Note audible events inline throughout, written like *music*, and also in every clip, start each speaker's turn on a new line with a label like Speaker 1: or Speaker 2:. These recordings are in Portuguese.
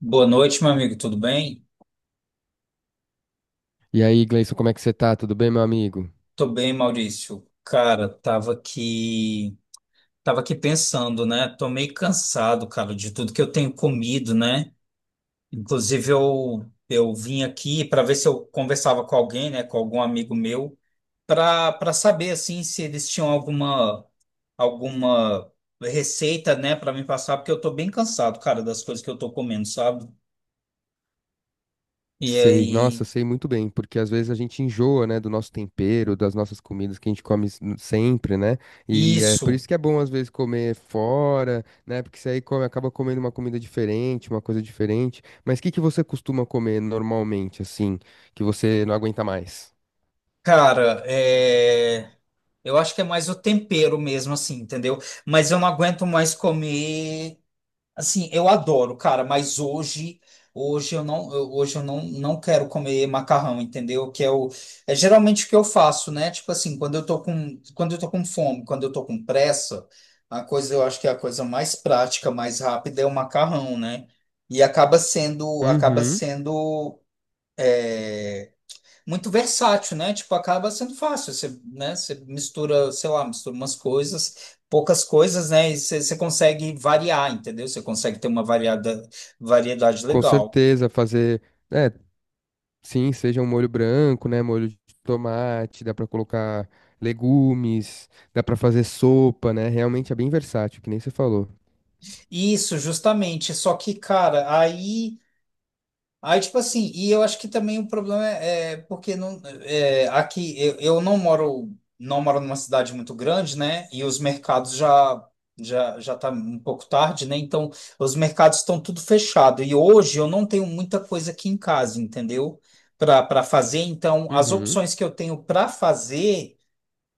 Speaker 1: Boa noite, meu amigo, tudo bem?
Speaker 2: E aí, Gleison, como é que você tá? Tudo bem, meu amigo?
Speaker 1: Tô bem, Maurício. Cara, tava aqui pensando, né? Tô meio cansado, cara, de tudo que eu tenho comido, né? Inclusive eu vim aqui para ver se eu conversava com alguém, né, com algum amigo meu, para saber assim se eles tinham alguma receita, né, para me passar, porque eu tô bem cansado, cara, das coisas que eu tô comendo, sabe? E
Speaker 2: Sei, nossa,
Speaker 1: aí,
Speaker 2: sei muito bem, porque às vezes a gente enjoa, né, do nosso tempero, das nossas comidas que a gente come sempre, né? E é por
Speaker 1: isso,
Speaker 2: isso que é bom às vezes comer fora, né? Porque você aí come, acaba comendo uma comida diferente, uma coisa diferente. Mas o que que você costuma comer normalmente, assim, que você não aguenta mais?
Speaker 1: cara, eu acho que é mais o tempero mesmo, assim, entendeu? Mas eu não aguento mais comer. Assim, eu adoro, cara, mas hoje eu não, não quero comer macarrão, entendeu? Que é geralmente o que eu faço, né? Tipo assim, quando eu tô com fome, quando eu tô com pressa, eu acho que é a coisa mais prática, mais rápida é o macarrão, né? E acaba sendo, acaba
Speaker 2: Uhum.
Speaker 1: sendo, é, muito versátil, né? Tipo, acaba sendo fácil. Você, né? Você mistura, sei lá, mistura umas coisas, poucas coisas, né? E você consegue variar, entendeu? Você consegue ter uma variedade
Speaker 2: Com
Speaker 1: legal.
Speaker 2: certeza, fazer. É, Sim, seja um molho branco, né? Molho de tomate, dá pra colocar legumes, dá pra fazer sopa, né? Realmente é bem versátil, que nem você falou.
Speaker 1: Isso, justamente. Só que, cara, aí, tipo assim, e eu acho que também o problema é porque não, aqui eu não moro numa cidade muito grande, né? E os mercados já tá um pouco tarde, né? Então, os mercados estão tudo fechado. E hoje eu não tenho muita coisa aqui em casa, entendeu? Para fazer, então, as
Speaker 2: Uhum.
Speaker 1: opções que eu tenho para fazer,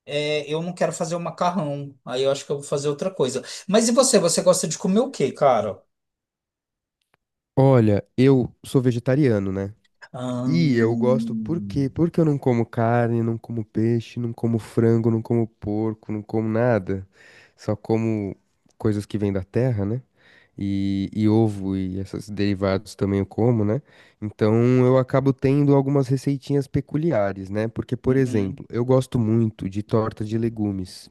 Speaker 1: eu não quero fazer o macarrão. Aí eu acho que eu vou fazer outra coisa. Mas e você? Você gosta de comer o quê, cara?
Speaker 2: Olha, eu sou vegetariano, né? E eu gosto por
Speaker 1: Ahn,
Speaker 2: quê? Porque eu não como carne, não como peixe, não como frango, não como porco, não como nada. Só como coisas que vêm da terra, né? E ovo e esses derivados também eu como, né? Então eu acabo tendo algumas receitinhas peculiares, né? Porque, por
Speaker 1: uhum.
Speaker 2: exemplo, eu gosto muito de torta de legumes.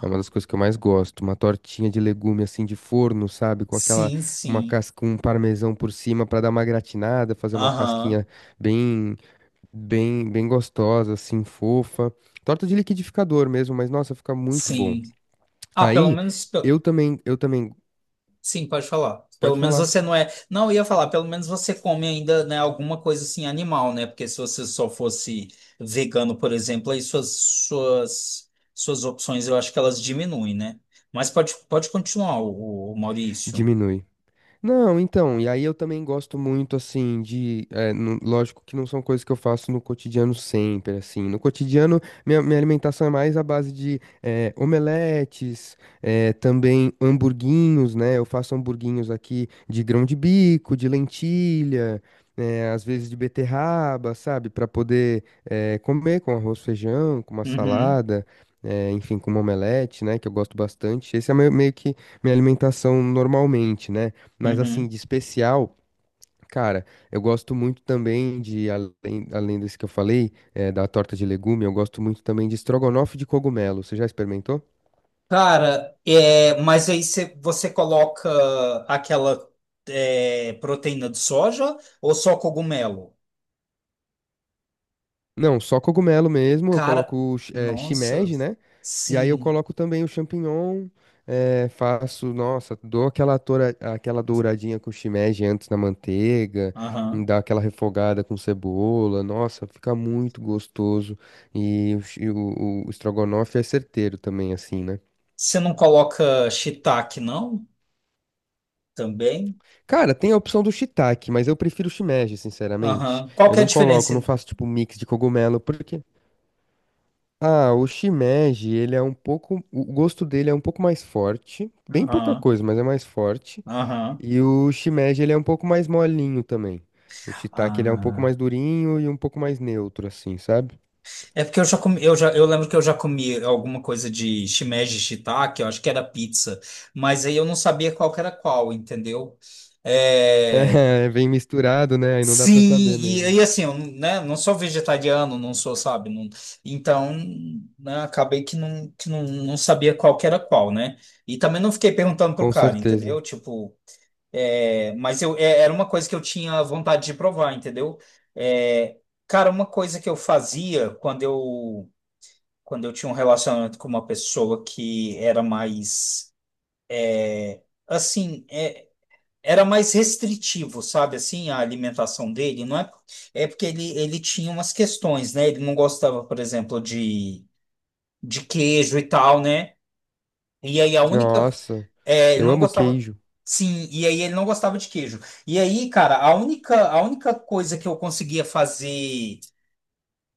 Speaker 2: É uma das coisas que eu mais gosto, uma tortinha de legume assim de forno, sabe? Com aquela,
Speaker 1: Sim,
Speaker 2: com uma
Speaker 1: sim.
Speaker 2: casca, com um parmesão por cima para dar uma gratinada, fazer uma
Speaker 1: Aham.
Speaker 2: casquinha bem, bem gostosa, assim, fofa. Torta de liquidificador mesmo, mas nossa, fica muito bom.
Speaker 1: Sim. Ah, pelo
Speaker 2: Aí,
Speaker 1: menos.
Speaker 2: eu também,
Speaker 1: Sim, pode falar. Pelo
Speaker 2: pode
Speaker 1: menos
Speaker 2: falar.
Speaker 1: você não é. Não, eu ia falar, pelo menos você come ainda, né, alguma coisa assim animal, né? Porque se você só fosse vegano, por exemplo, aí suas opções eu acho que elas diminuem, né? Mas pode continuar, o Maurício.
Speaker 2: Diminui. Não, então, e aí eu também gosto muito, assim, de. Lógico que não são coisas que eu faço no cotidiano sempre, assim. No cotidiano, minha alimentação é mais à base de omeletes, também hamburguinhos, né? Eu faço hamburguinhos aqui de grão de bico, de lentilha, às vezes de beterraba, sabe? Para poder comer com arroz, feijão, com uma
Speaker 1: Uhum,
Speaker 2: salada. Enfim, com uma omelete, né, que eu gosto bastante. Esse é meio que minha alimentação normalmente, né? Mas assim,
Speaker 1: uhum.
Speaker 2: de especial, cara, eu gosto muito também de, além, além desse que eu falei, da torta de legume, eu gosto muito também de estrogonofe de cogumelo. Você já experimentou?
Speaker 1: Cara, mas aí você coloca aquela proteína de soja ou só cogumelo?
Speaker 2: Não, só cogumelo mesmo. Eu
Speaker 1: Cara,
Speaker 2: coloco
Speaker 1: nossa,
Speaker 2: shimeji, né? E aí eu
Speaker 1: sim.
Speaker 2: coloco também o champignon, faço, nossa, aquela douradinha com shimeji antes na manteiga,
Speaker 1: Aham.
Speaker 2: dá aquela refogada com cebola, nossa, fica muito gostoso. E, o estrogonofe é certeiro também, assim, né?
Speaker 1: Você não coloca shiitake, não? Também?
Speaker 2: Cara, tem a opção do shiitake, mas eu prefiro o shimeji, sinceramente.
Speaker 1: Aham. Qual
Speaker 2: Eu
Speaker 1: que é a
Speaker 2: não coloco,
Speaker 1: diferença?
Speaker 2: não faço tipo mix de cogumelo, porque ah, o shimeji, ele é um pouco, o gosto dele é um pouco mais forte, bem pouca
Speaker 1: Aham.
Speaker 2: coisa, mas é mais forte.
Speaker 1: Aham.
Speaker 2: E o shimeji, ele é um pouco mais molinho também. O shiitake, ele é um pouco
Speaker 1: Ah.
Speaker 2: mais durinho e um pouco mais neutro assim, sabe? *laughs*
Speaker 1: É porque eu já comi, eu lembro que eu já comi alguma coisa de shimeji shiitake, eu acho que era pizza, mas aí eu não sabia qual que era qual, entendeu? É...
Speaker 2: É, vem misturado, né? Aí não dá pra
Speaker 1: Sim,
Speaker 2: saber
Speaker 1: e,
Speaker 2: mesmo.
Speaker 1: aí assim, eu, né, não sou vegetariano, não sou, sabe? Então, né, acabei que não, não sabia qual que era qual, né? E também não fiquei perguntando pro
Speaker 2: Com
Speaker 1: cara,
Speaker 2: certeza.
Speaker 1: entendeu? Tipo, mas eu, era uma coisa que eu tinha vontade de provar, entendeu? É, cara, uma coisa que eu fazia quando eu tinha um relacionamento com uma pessoa que era mais, assim, era mais restritivo, sabe, assim, a alimentação dele, não é? É porque ele tinha umas questões, né? Ele não gostava, por exemplo, de queijo e tal, né? E aí
Speaker 2: Nossa,
Speaker 1: ele
Speaker 2: eu
Speaker 1: não
Speaker 2: amo
Speaker 1: gostava,
Speaker 2: queijo.
Speaker 1: sim, e aí ele não gostava de queijo. E aí, cara, a única coisa que eu conseguia fazer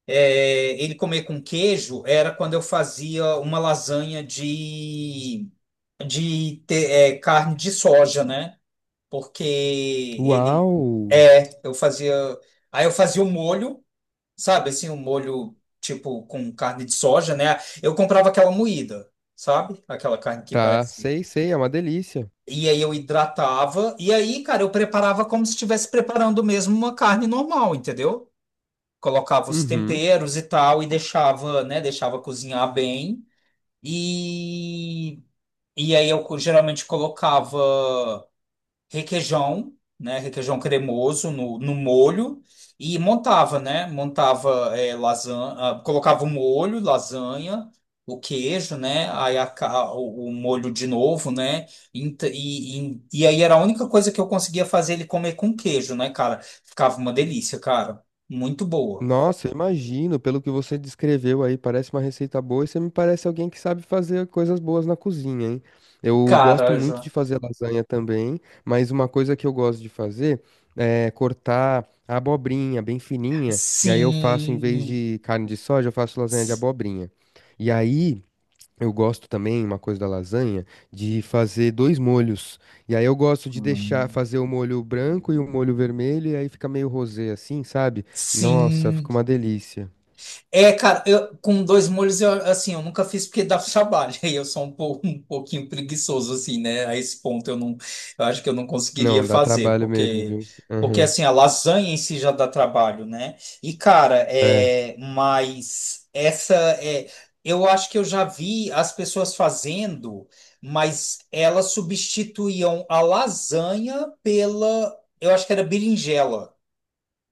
Speaker 1: ele comer com queijo era quando eu fazia uma lasanha de carne de soja, né? Porque ele
Speaker 2: Uau!
Speaker 1: eu fazia, aí eu fazia o molho, sabe, assim, um molho tipo com carne de soja, né? Eu comprava aquela moída, sabe? Aquela carne que
Speaker 2: Tá,
Speaker 1: parece.
Speaker 2: sei, sei, é uma delícia.
Speaker 1: E aí eu hidratava e aí, cara, eu preparava como se estivesse preparando mesmo uma carne normal, entendeu? Colocava os
Speaker 2: Uhum.
Speaker 1: temperos e tal e deixava, né, deixava cozinhar bem. E e aí eu geralmente colocava requeijão, né? Requeijão cremoso no molho e montava, né? Montava lasanha, colocava o molho, lasanha, o queijo, né? Aí o molho de novo, né? E aí era a única coisa que eu conseguia fazer ele comer com queijo, né, cara? Ficava uma delícia, cara. Muito boa.
Speaker 2: Nossa, eu imagino, pelo que você descreveu aí, parece uma receita boa e você me parece alguém que sabe fazer coisas boas na cozinha, hein? Eu gosto
Speaker 1: Cara,
Speaker 2: muito
Speaker 1: já.
Speaker 2: de fazer lasanha também, mas uma coisa que eu gosto de fazer é cortar a abobrinha bem fininha, e aí eu faço, em vez
Speaker 1: Sim.
Speaker 2: de carne de soja, eu faço lasanha de abobrinha. E aí. Eu gosto também, uma coisa da lasanha, de fazer dois molhos. E aí eu gosto de deixar fazer o molho branco e o molho vermelho, e aí fica meio rosé assim, sabe? Nossa,
Speaker 1: Sim.
Speaker 2: fica uma delícia.
Speaker 1: É, cara, eu, com dois molhos, eu, assim, eu nunca fiz porque dá trabalho. *laughs* E eu sou um pouco, um pouquinho preguiçoso, assim, né? A esse ponto eu não, eu acho que eu não conseguiria
Speaker 2: Não, dá
Speaker 1: fazer,
Speaker 2: trabalho mesmo,
Speaker 1: porque,
Speaker 2: viu?
Speaker 1: porque
Speaker 2: Aham.
Speaker 1: assim, a lasanha em si já dá trabalho, né? E, cara,
Speaker 2: É.
Speaker 1: mas essa é, eu acho que eu já vi as pessoas fazendo, mas elas substituíam a lasanha pela, eu acho que era berinjela.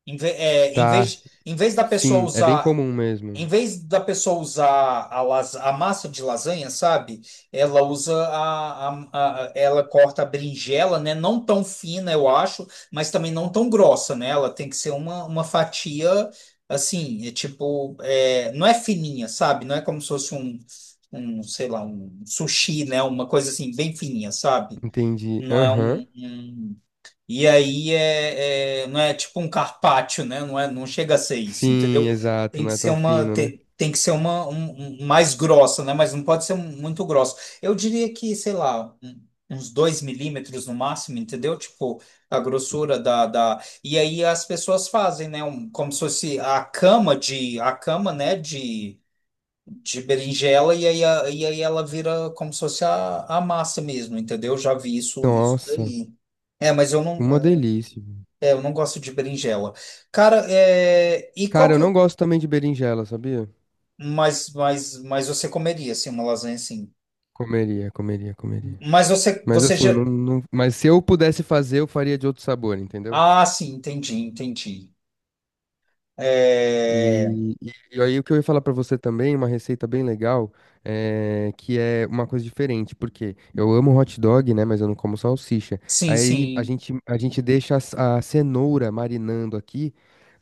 Speaker 1: Em, ve- é, em
Speaker 2: Tá.
Speaker 1: vez, em vez da pessoa
Speaker 2: Sim, é bem
Speaker 1: usar
Speaker 2: comum mesmo.
Speaker 1: a massa de lasanha, sabe? Ela usa ela corta a berinjela, né? Não tão fina, eu acho, mas também não tão grossa, né? Ela tem que ser uma fatia assim, é tipo, não é fininha, sabe? Não é como se fosse sei lá, um sushi, né? Uma coisa assim, bem fininha, sabe?
Speaker 2: Entendi.
Speaker 1: Não é um,
Speaker 2: Aham.
Speaker 1: e aí não é tipo um carpaccio, né? Não é, não chega a ser isso,
Speaker 2: Sim,
Speaker 1: entendeu?
Speaker 2: exato, não é tão fino, né?
Speaker 1: Tem, que ser uma mais grossa, né? Mas não pode ser muito grossa. Eu diria que, sei lá, uns 2 mm no máximo, entendeu? Tipo a grossura da. E aí as pessoas fazem, né? Como se fosse a cama de a cama, né? De berinjela e aí ela vira como se fosse a massa mesmo, entendeu? Já vi isso
Speaker 2: Nossa,
Speaker 1: daí. É, mas eu não,
Speaker 2: uma delícia.
Speaker 1: eu não gosto de berinjela. Cara, e qual
Speaker 2: Cara,
Speaker 1: que.
Speaker 2: eu não gosto também de berinjela, sabia?
Speaker 1: Mas você comeria, assim, uma lasanha assim.
Speaker 2: Comeria, comeria, comeria.
Speaker 1: Mas você,
Speaker 2: Mas
Speaker 1: você
Speaker 2: assim,
Speaker 1: já.
Speaker 2: mas se eu pudesse fazer, eu faria de outro sabor, entendeu?
Speaker 1: Ah, sim, entendi, entendi. É...
Speaker 2: E, e- e aí o que eu ia falar pra você também, uma receita bem legal, que é uma coisa diferente, porque eu amo hot dog, né, mas eu não como salsicha.
Speaker 1: Sim,
Speaker 2: Aí
Speaker 1: sim.
Speaker 2: a gente deixa a cenoura marinando aqui.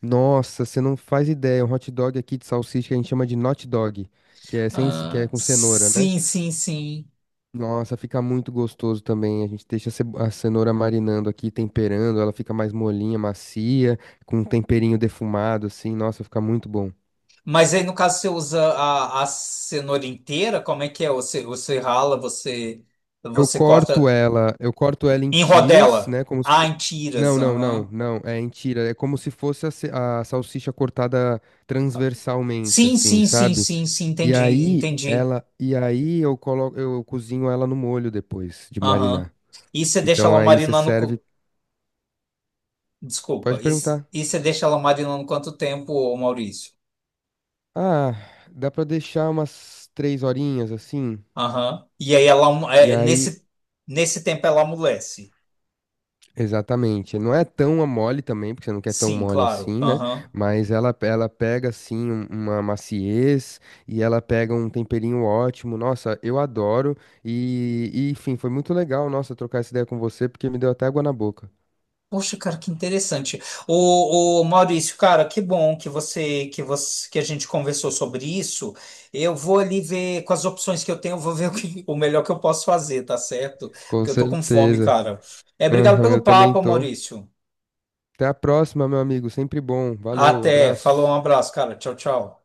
Speaker 2: Nossa, você não faz ideia, um hot dog aqui de salsicha que a gente chama de not dog, que é sem, c- que é
Speaker 1: Ah,
Speaker 2: com cenoura, né?
Speaker 1: sim, sim, sim.
Speaker 2: Nossa, fica muito gostoso também. A gente deixa a cenoura marinando aqui, temperando, ela fica mais molinha, macia, com um temperinho defumado, assim. Nossa, fica muito bom.
Speaker 1: Mas aí, no caso, você usa a cenoura inteira? Como é que é? Você rala, você, você corta
Speaker 2: Eu corto ela em
Speaker 1: em
Speaker 2: tiras,
Speaker 1: rodela.
Speaker 2: né? Como se...
Speaker 1: Ah,
Speaker 2: fo-
Speaker 1: em tiras,
Speaker 2: Não, não, não,
Speaker 1: aham.
Speaker 2: não. É em tira. É como se fosse a salsicha cortada transversalmente,
Speaker 1: Sim,
Speaker 2: assim,
Speaker 1: sim, sim,
Speaker 2: sabe?
Speaker 1: sim, sim, entendi, entendi.
Speaker 2: E aí eu coloco, eu cozinho ela no molho depois de
Speaker 1: Aham.
Speaker 2: marinar.
Speaker 1: E você deixa
Speaker 2: Então
Speaker 1: ela
Speaker 2: aí você
Speaker 1: marinando.
Speaker 2: serve. Pode
Speaker 1: Desculpa. E c-
Speaker 2: perguntar.
Speaker 1: e você deixa ela marinando quanto tempo, ô Maurício?
Speaker 2: Ah, dá pra deixar umas 3 horinhas assim.
Speaker 1: Aham. E aí
Speaker 2: E aí,
Speaker 1: nesse tempo ela amolece.
Speaker 2: exatamente. Não é tão a mole também, porque você não quer tão
Speaker 1: Sim,
Speaker 2: mole
Speaker 1: claro.
Speaker 2: assim, né?
Speaker 1: Aham.
Speaker 2: Mas ela pega assim uma maciez e ela pega um temperinho ótimo. Nossa, eu adoro. Enfim, foi muito legal, nossa, trocar essa ideia com você, porque me deu até água na boca.
Speaker 1: Poxa, cara, que interessante. Ô, Maurício, cara, que bom que a gente conversou sobre isso. Eu vou ali ver com as opções que eu tenho, eu vou ver o melhor que eu posso fazer, tá certo?
Speaker 2: Com
Speaker 1: Porque eu tô com fome,
Speaker 2: certeza.
Speaker 1: cara. É, obrigado
Speaker 2: Aham,
Speaker 1: pelo
Speaker 2: eu também
Speaker 1: papo,
Speaker 2: tô.
Speaker 1: Maurício.
Speaker 2: Até a próxima, meu amigo. Sempre bom. Valeu,
Speaker 1: Até, falou, um
Speaker 2: abraço.
Speaker 1: abraço, cara. Tchau, tchau.